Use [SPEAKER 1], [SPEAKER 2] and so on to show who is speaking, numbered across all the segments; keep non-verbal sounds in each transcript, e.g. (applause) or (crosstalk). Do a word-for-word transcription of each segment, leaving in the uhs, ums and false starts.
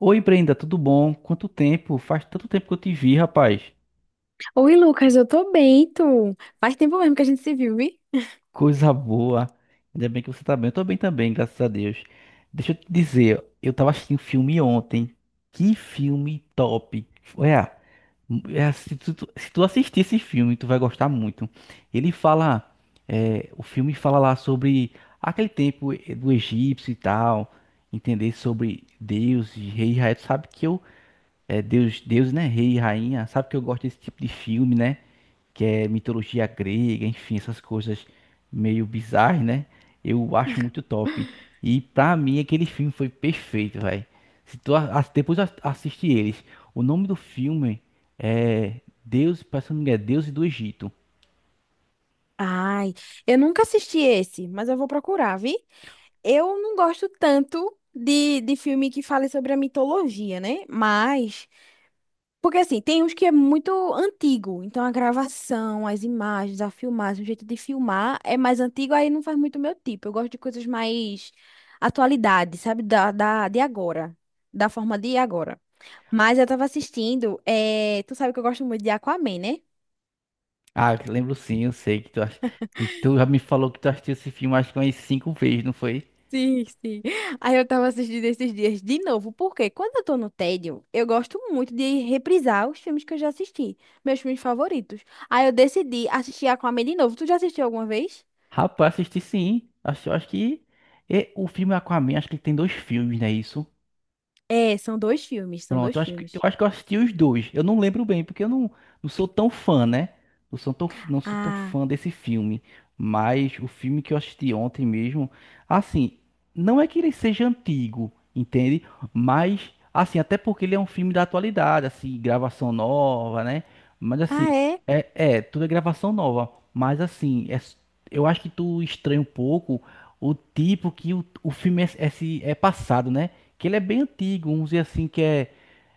[SPEAKER 1] Oi, Brenda, tudo bom? Quanto tempo? Faz tanto tempo que eu te vi, rapaz.
[SPEAKER 2] Oi, Lucas, eu tô bem, e tu? Faz tempo mesmo que a gente se viu, vi?
[SPEAKER 1] Coisa boa. Ainda bem que você tá bem. Eu tô bem também, graças a Deus. Deixa eu te dizer, eu tava assistindo um filme ontem. Que filme top. Olha, é, se tu, tu- se tu assistir esse filme, tu vai gostar muito. Ele fala, é, o filme fala lá sobre aquele tempo eh, do egípcio e tal, entender sobre Deus e rei e rainha. Tu sabe que eu, é, Deus, Deus, né? Rei e rainha. Sabe que eu gosto desse tipo de filme, né? Que é mitologia grega, enfim, essas coisas meio bizarras, né? Eu acho muito top. E pra mim aquele filme foi perfeito, velho. Se tu a- a- depois a- assiste eles, o nome do filme é Deus, parece que o é Deus e do Egito.
[SPEAKER 2] Ai, eu nunca assisti esse, mas eu vou procurar, vi? Eu não gosto tanto de, de filme que fale sobre a mitologia, né? Mas, porque assim, tem uns que é muito antigo, então a gravação, as imagens, a filmagem, o jeito de filmar é mais antigo, aí não faz muito meu tipo. Eu gosto de coisas mais atualidade, sabe? Da, da, de agora, da forma de agora. Mas eu tava assistindo, é... tu sabe que eu gosto muito de Aquaman, né?
[SPEAKER 1] Ah, eu lembro sim, eu sei que tu, ach- tu, tu já me falou que tu assistiu esse filme acho que umas cinco vezes, não foi?
[SPEAKER 2] Sim, sim. Aí eu tava assistindo esses dias de novo, porque quando eu tô no tédio, eu gosto muito de reprisar os filmes que eu já assisti, meus filmes favoritos. Aí eu decidi assistir Aquaman de novo. Tu já assistiu alguma vez?
[SPEAKER 1] Rapaz, assisti sim. Acho, acho que é, o filme Aquaman, acho que ele tem dois filmes, né? Isso.
[SPEAKER 2] É, são dois filmes, são
[SPEAKER 1] Pronto,
[SPEAKER 2] dois
[SPEAKER 1] eu acho que eu
[SPEAKER 2] filmes.
[SPEAKER 1] acho que eu assisti os dois. Eu não lembro bem, porque eu não, não sou tão fã, né? Não sou tão, não sou tão
[SPEAKER 2] Ah,
[SPEAKER 1] fã desse filme. Mas o filme que eu assisti ontem mesmo, assim, não é que ele seja antigo, entende? Mas, assim, até porque ele é um filme da atualidade, assim, gravação nova, né? Mas assim,
[SPEAKER 2] ah é?
[SPEAKER 1] é, é, tudo é gravação nova. Mas assim, é, s- eu acho que tu estranha um pouco o tipo que o, o filme é, é, se- é passado, né? Que ele é bem antigo, vamos dizer assim, que é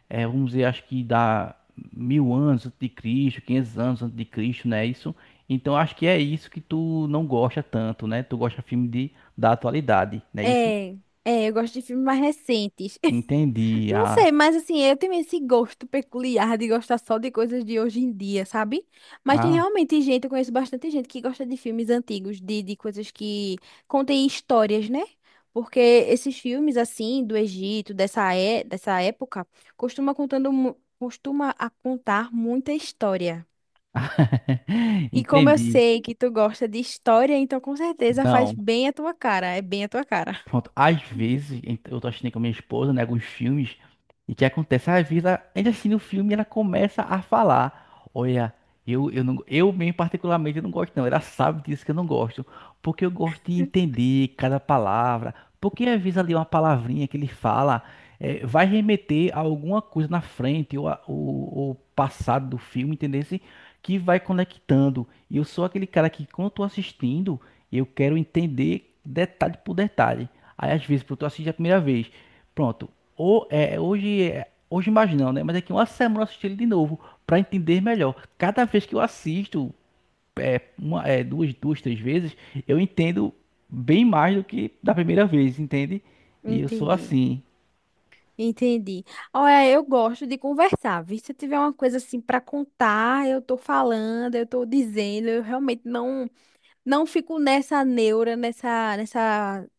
[SPEAKER 1] é, vamos dizer, acho que dá mil anos antes de Cristo, quinhentos anos antes de Cristo, né? Isso. Então acho que é isso que tu não gosta tanto, né? Tu gosta de filme de, da atualidade, né? Isso?
[SPEAKER 2] É, é, eu gosto de filmes mais recentes. (laughs)
[SPEAKER 1] Entendi.
[SPEAKER 2] Não
[SPEAKER 1] Ah,
[SPEAKER 2] sei, mas assim, eu tenho esse gosto peculiar de gostar só de coisas de hoje em dia, sabe? Mas tem
[SPEAKER 1] ah.
[SPEAKER 2] realmente gente, eu conheço bastante gente que gosta de filmes antigos, de, de coisas que contêm histórias, né? Porque esses filmes, assim, do Egito, dessa, é, dessa época, costuma contando, mu- costuma a contar muita história.
[SPEAKER 1] (laughs)
[SPEAKER 2] E como eu
[SPEAKER 1] Entendi.
[SPEAKER 2] sei que tu gosta de história, então com certeza faz
[SPEAKER 1] Não.
[SPEAKER 2] bem a tua cara, é bem a tua cara.
[SPEAKER 1] Pronto, às vezes ent- eu tô assistindo com a minha esposa, né, alguns filmes, e o que acontece? Às vezes, ela, ainda assistindo o filme, e ela começa a falar: Olha, eu, eu, não, eu mesmo, particularmente, eu não gosto, não. Ela sabe disso que eu não gosto, porque eu gosto de entender cada palavra, porque às vezes ali uma palavrinha que ele fala eh, vai remeter a alguma coisa na frente ou, a- ou, ou passado do filme, entendeu? Assim, que vai conectando. E eu sou aquele cara que, quando eu tô assistindo, eu quero entender detalhe por detalhe. Aí às vezes, pô, tu assiste a primeira vez. Pronto. Ou, é, hoje, é- hoje mais não, né? Mas daqui uma semana eu assisti ele de novo pra entender melhor. Cada vez que eu assisto, é, uma, é, duas, duas, três vezes, eu entendo bem mais do que da primeira vez, entende?
[SPEAKER 2] (laughs)
[SPEAKER 1] E eu sou
[SPEAKER 2] Entendi.
[SPEAKER 1] assim.
[SPEAKER 2] Entendi. Olha, eu gosto de conversar, viu? Se eu tiver uma coisa assim para contar, eu tô falando, eu tô dizendo, eu realmente não não fico nessa neura, nessa nessa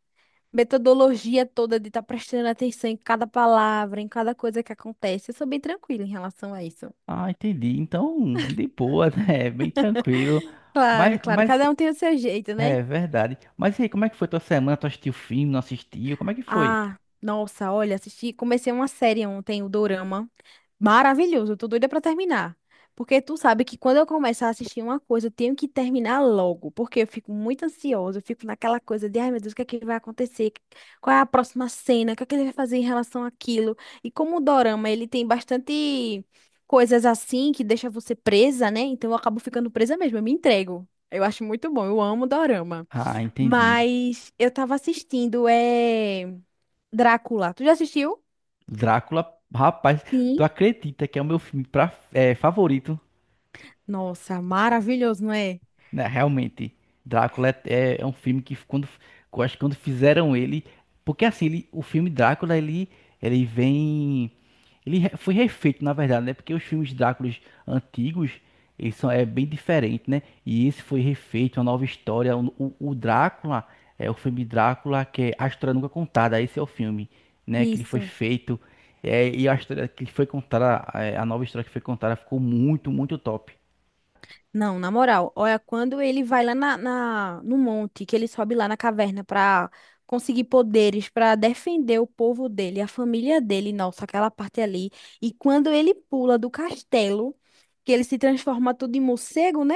[SPEAKER 2] metodologia toda de estar prestando atenção em cada palavra, em cada coisa que acontece. Eu sou bem tranquila em relação a isso.
[SPEAKER 1] Ah, entendi. Então, de boa, né? (laughs) Bem tranquilo.
[SPEAKER 2] Claro,
[SPEAKER 1] Mas,
[SPEAKER 2] claro,
[SPEAKER 1] mas,
[SPEAKER 2] cada um tem o seu jeito, né?
[SPEAKER 1] é verdade. Mas e aí, como é que foi tua semana? Tu assistiu o filme, não assistiu? Como é que foi?
[SPEAKER 2] Ah, nossa, olha, assisti, comecei uma série ontem, o Dorama. Maravilhoso, eu tô doida pra terminar. Porque tu sabe que quando eu começar a assistir uma coisa, eu tenho que terminar logo, porque eu fico muito ansiosa, eu fico naquela coisa de, ai meu Deus, o que é que vai acontecer? Qual é a próxima cena? O que é que ele vai fazer em relação àquilo? E como o dorama, ele tem bastante coisas assim que deixa você presa, né? Então eu acabo ficando presa mesmo, eu me entrego. Eu acho muito bom, eu amo dorama.
[SPEAKER 1] Ah, entendi.
[SPEAKER 2] Mas eu tava assistindo, é... Drácula. Tu já assistiu?
[SPEAKER 1] Drácula, rapaz, tu
[SPEAKER 2] Sim.
[SPEAKER 1] acredita que é o meu filme pra, é, favorito?
[SPEAKER 2] Nossa, maravilhoso, não é?
[SPEAKER 1] Né, realmente, Drácula é, é- é um filme que quando, eu acho que quando fizeram ele, porque assim, ele- o filme Drácula, ele, ele vem, ele re- foi refeito, na verdade, né? Porque os filmes Dráculas antigos, eles são é bem diferente, né? E esse foi refeito, uma nova história. O, o- o Drácula é o filme Drácula que é a história nunca contada. Esse é o filme, né? Que ele foi
[SPEAKER 2] Isso.
[SPEAKER 1] feito é, e a história que foi contada, é, a nova história que foi contada ficou muito, muito top.
[SPEAKER 2] Não, na moral, olha, quando ele vai lá na, na- no monte, que ele sobe lá na caverna pra conseguir poderes, pra defender o povo dele, a família dele, nossa, aquela parte ali. E quando ele pula do castelo, que ele se transforma tudo em morcego, né?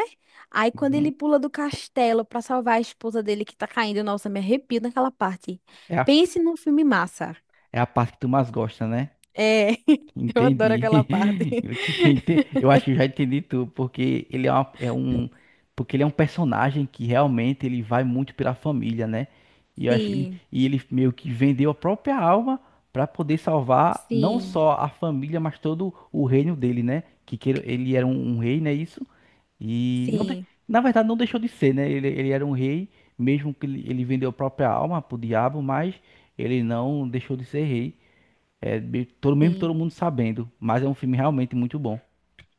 [SPEAKER 2] Aí quando
[SPEAKER 1] Uhum.
[SPEAKER 2] ele pula do castelo pra salvar a esposa dele que tá caindo, nossa, me arrepio naquela parte.
[SPEAKER 1] É a
[SPEAKER 2] Pense num filme massa.
[SPEAKER 1] É a parte que tu mais gosta, né?
[SPEAKER 2] É, (laughs) eu adoro
[SPEAKER 1] Entendi.
[SPEAKER 2] aquela parte.
[SPEAKER 1] (laughs) Eu que ente-
[SPEAKER 2] (laughs)
[SPEAKER 1] eu acho que eu já entendi tudo, porque ele é, uma- é um, porque ele é um personagem que realmente ele vai muito pela família, né? E eu acho que ele,
[SPEAKER 2] Sim,
[SPEAKER 1] e ele meio que vendeu a própria alma para poder salvar não
[SPEAKER 2] sim,
[SPEAKER 1] só a família, mas todo o reino dele, né? Que queira- ele era um, um rei, né? Isso. E não, de-
[SPEAKER 2] sim,
[SPEAKER 1] na verdade não deixou de ser, né? Ele, ele era um rei, mesmo que ele, ele vendeu a própria alma pro diabo, mas ele não deixou de ser rei. É, be- todo, mesmo
[SPEAKER 2] sim.
[SPEAKER 1] todo mundo sabendo, mas é um filme realmente muito bom.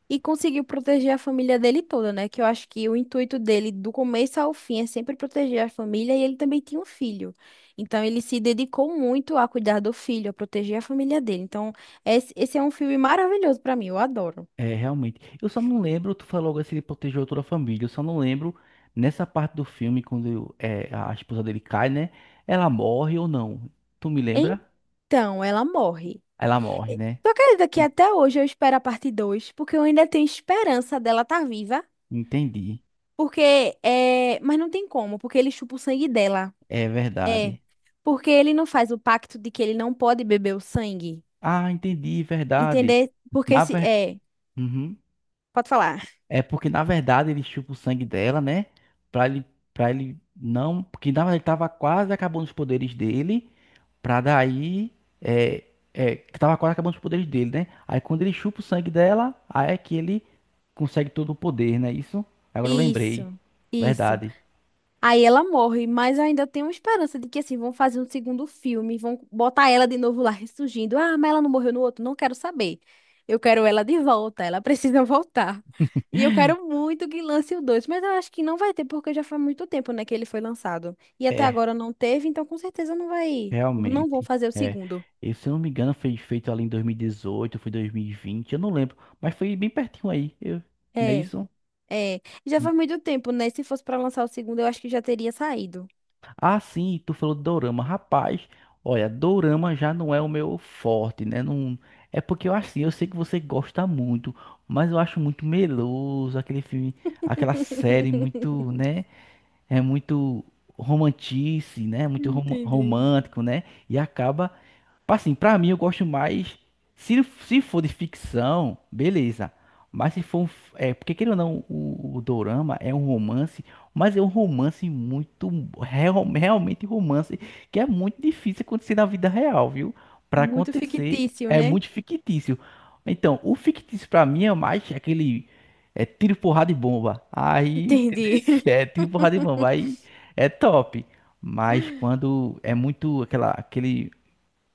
[SPEAKER 2] E conseguiu proteger a família dele toda, né? Que eu acho que o intuito dele, do começo ao fim, é sempre proteger a família e ele também tinha um filho. Então ele se dedicou muito a cuidar do filho, a proteger a família dele. Então, esse, esse é um filme maravilhoso pra mim, eu adoro.
[SPEAKER 1] É, realmente. Eu só não lembro, tu falou logo assim, ele protegeu toda a família. Eu só não lembro nessa parte do filme, quando é, a esposa dele cai, né? Ela morre ou não? Tu me lembra?
[SPEAKER 2] Então, ela morre.
[SPEAKER 1] Ela morre,
[SPEAKER 2] E-
[SPEAKER 1] né?
[SPEAKER 2] Tu acredita que
[SPEAKER 1] E-
[SPEAKER 2] até hoje eu espero a parte dois, porque eu ainda tenho esperança dela estar viva?
[SPEAKER 1] Entendi.
[SPEAKER 2] Porque é. Mas não tem como, porque ele chupa o sangue dela.
[SPEAKER 1] É verdade.
[SPEAKER 2] Porque ele não faz o pacto de que ele não pode beber o sangue.
[SPEAKER 1] Ah, entendi, verdade.
[SPEAKER 2] Entender? Porque
[SPEAKER 1] Na
[SPEAKER 2] se.
[SPEAKER 1] ver...
[SPEAKER 2] É,
[SPEAKER 1] Uhum.
[SPEAKER 2] pode falar.
[SPEAKER 1] É porque, na verdade, ele chupa o sangue dela, né? Pra ele, pra ele não. Porque, na verdade, ele tava quase acabando os poderes dele. Pra daí. É, é, que tava quase acabando os poderes dele, né? Aí, quando ele chupa o sangue dela, aí é que ele consegue todo o poder, né? Isso? Agora eu lembrei.
[SPEAKER 2] Isso, isso.
[SPEAKER 1] Verdade.
[SPEAKER 2] Aí ela morre, mas eu ainda tenho esperança de que, assim, vão fazer um segundo filme, vão botar ela de novo lá ressurgindo. Ah, mas ela não morreu no outro? Não quero saber. Eu quero ela de volta, ela (laughs) precisa voltar. E eu quero
[SPEAKER 1] (laughs)
[SPEAKER 2] muito que lance o dois, mas eu acho que não vai ter, porque já faz muito tempo, né, que ele foi lançado. E até
[SPEAKER 1] É,
[SPEAKER 2] agora não teve, então com certeza não vai. Não vão
[SPEAKER 1] realmente.
[SPEAKER 2] fazer o
[SPEAKER 1] É.
[SPEAKER 2] segundo.
[SPEAKER 1] Eu, se eu não me engano, foi feito ali em dois mil e dezoito, foi dois mil e vinte, eu não lembro. Mas foi bem pertinho aí. Eu, não é
[SPEAKER 2] É,
[SPEAKER 1] isso?
[SPEAKER 2] é. Já faz muito tempo, né? Se fosse pra lançar o segundo, eu acho que já teria saído.
[SPEAKER 1] Ah, sim, tu falou de dorama. Rapaz, olha, dorama já não é o meu forte, né? Não... É porque eu assim, eu sei que você gosta muito, mas eu acho muito meloso aquele filme, aquela série muito,
[SPEAKER 2] (laughs)
[SPEAKER 1] né? É muito romantice, né? Muito rom-
[SPEAKER 2] Entendi.
[SPEAKER 1] romântico, né? E acaba assim, pra mim eu gosto mais. Se, se for de ficção, beleza. Mas se for um. f- é, porque querendo ou não, o, o Dorama é um romance, mas é um romance muito. Real- realmente romance, que é muito difícil acontecer na vida real, viu? Pra
[SPEAKER 2] Muito
[SPEAKER 1] acontecer,
[SPEAKER 2] fictício,
[SPEAKER 1] é
[SPEAKER 2] né?
[SPEAKER 1] muito fictício. Então, o fictício pra mim é mais aquele. É tiro, porrada e bomba. Aí, entendeu?
[SPEAKER 2] Entendi.
[SPEAKER 1] (laughs) É tiro, porrada e bomba.
[SPEAKER 2] (laughs)
[SPEAKER 1] Aí é top. Mas quando é muito aquela, aquele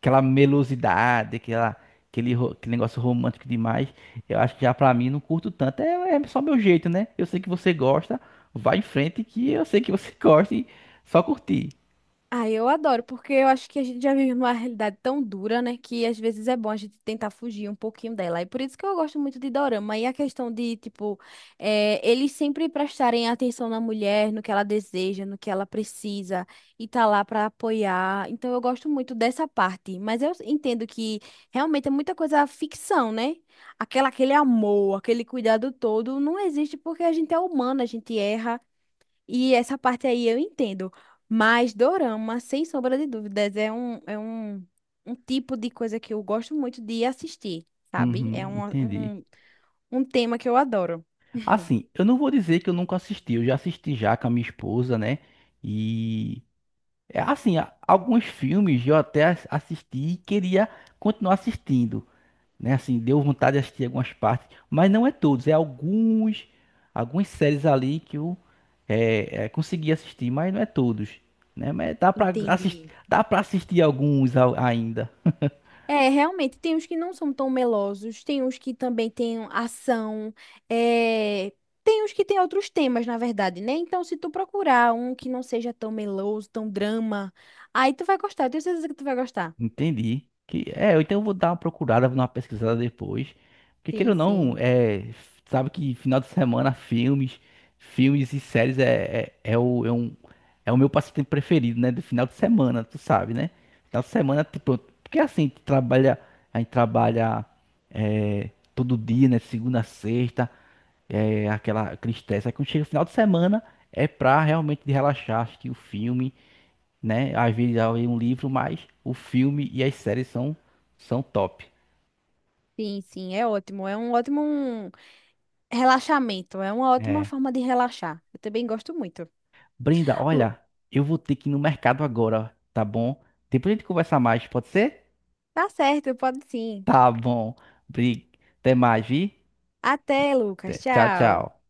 [SPEAKER 1] aquela melosidade, aquela, aquele, ro- aquele negócio romântico demais. Eu acho que já pra mim não curto tanto. É, é só meu jeito, né? Eu sei que você gosta, vai em frente que eu sei que você (laughs) gosta e só curtir.
[SPEAKER 2] Ah, eu adoro, porque eu acho que a gente já vive numa realidade tão dura, né, que às vezes é bom a gente tentar fugir um pouquinho dela. E por isso que eu gosto muito de Dorama. E a questão de, tipo, eh, eles sempre prestarem atenção na mulher, no que ela deseja, no que ela precisa, e tá lá pra apoiar. Então eu gosto muito dessa parte. Mas eu entendo que realmente é muita coisa ficção, né? Aquela, aquele amor, aquele cuidado todo não existe porque a gente é humana, a gente erra. E essa parte aí eu entendo. Mas dorama, sem sombra de dúvidas, é um, é um, um tipo de coisa que eu gosto muito de assistir, sabe? É
[SPEAKER 1] Uhum,
[SPEAKER 2] um,
[SPEAKER 1] entendi.
[SPEAKER 2] um, um tema que eu adoro.
[SPEAKER 1] Assim, eu não vou dizer que eu nunca assisti, eu já assisti já com a minha esposa, né? E é assim, a- alguns filmes eu até as- assisti e queria continuar assistindo, né? Assim, deu vontade de assistir algumas partes, mas não é todos, é alguns, algumas séries ali que eu é, é, consegui assistir, mas não é todos, né? Mas dá pra assistir,
[SPEAKER 2] Entendi.
[SPEAKER 1] dá para assistir alguns a- ainda.
[SPEAKER 2] É, realmente, tem uns que não são tão melosos, tem uns que também têm ação, é, tem uns que têm outros temas, na verdade, né? Então, se tu procurar um que não seja tão meloso, tão drama, aí tu vai gostar, eu tenho certeza que tu vai gostar.
[SPEAKER 1] Entendi. Que, é, eu então vou dar uma procurada, vou dar uma pesquisada depois. Porque queira
[SPEAKER 2] Sim,
[SPEAKER 1] ou não,
[SPEAKER 2] sim.
[SPEAKER 1] é, sabe que final de semana filmes, filmes e séries é, é, é o, é, um, é o meu passatempo preferido, né? Do final de semana, tu sabe, né? Final de semana, tipo, porque assim, tu trabalha, a gente trabalha é, todo dia, né? Segunda a sexta, é, aquela aquele estresse. Aí quando chega o final de semana, é pra realmente relaxar, assistir o filme, né? Às vezes eu leio um livro, mas o filme e as séries são, são top.
[SPEAKER 2] Sim, sim, é ótimo. É um ótimo. um Relaxamento é uma ótima
[SPEAKER 1] É.
[SPEAKER 2] forma de relaxar. Eu também gosto muito.
[SPEAKER 1] Brenda,
[SPEAKER 2] Lu-
[SPEAKER 1] olha, eu vou ter que ir no mercado agora, tá bom? Depois a gente conversa mais, pode ser?
[SPEAKER 2] Tá certo, pode sim.
[SPEAKER 1] Tá bom. Bri- Até mais, vi?
[SPEAKER 2] Até, Lucas.
[SPEAKER 1] Até- Tchau,
[SPEAKER 2] Tchau.
[SPEAKER 1] tchau.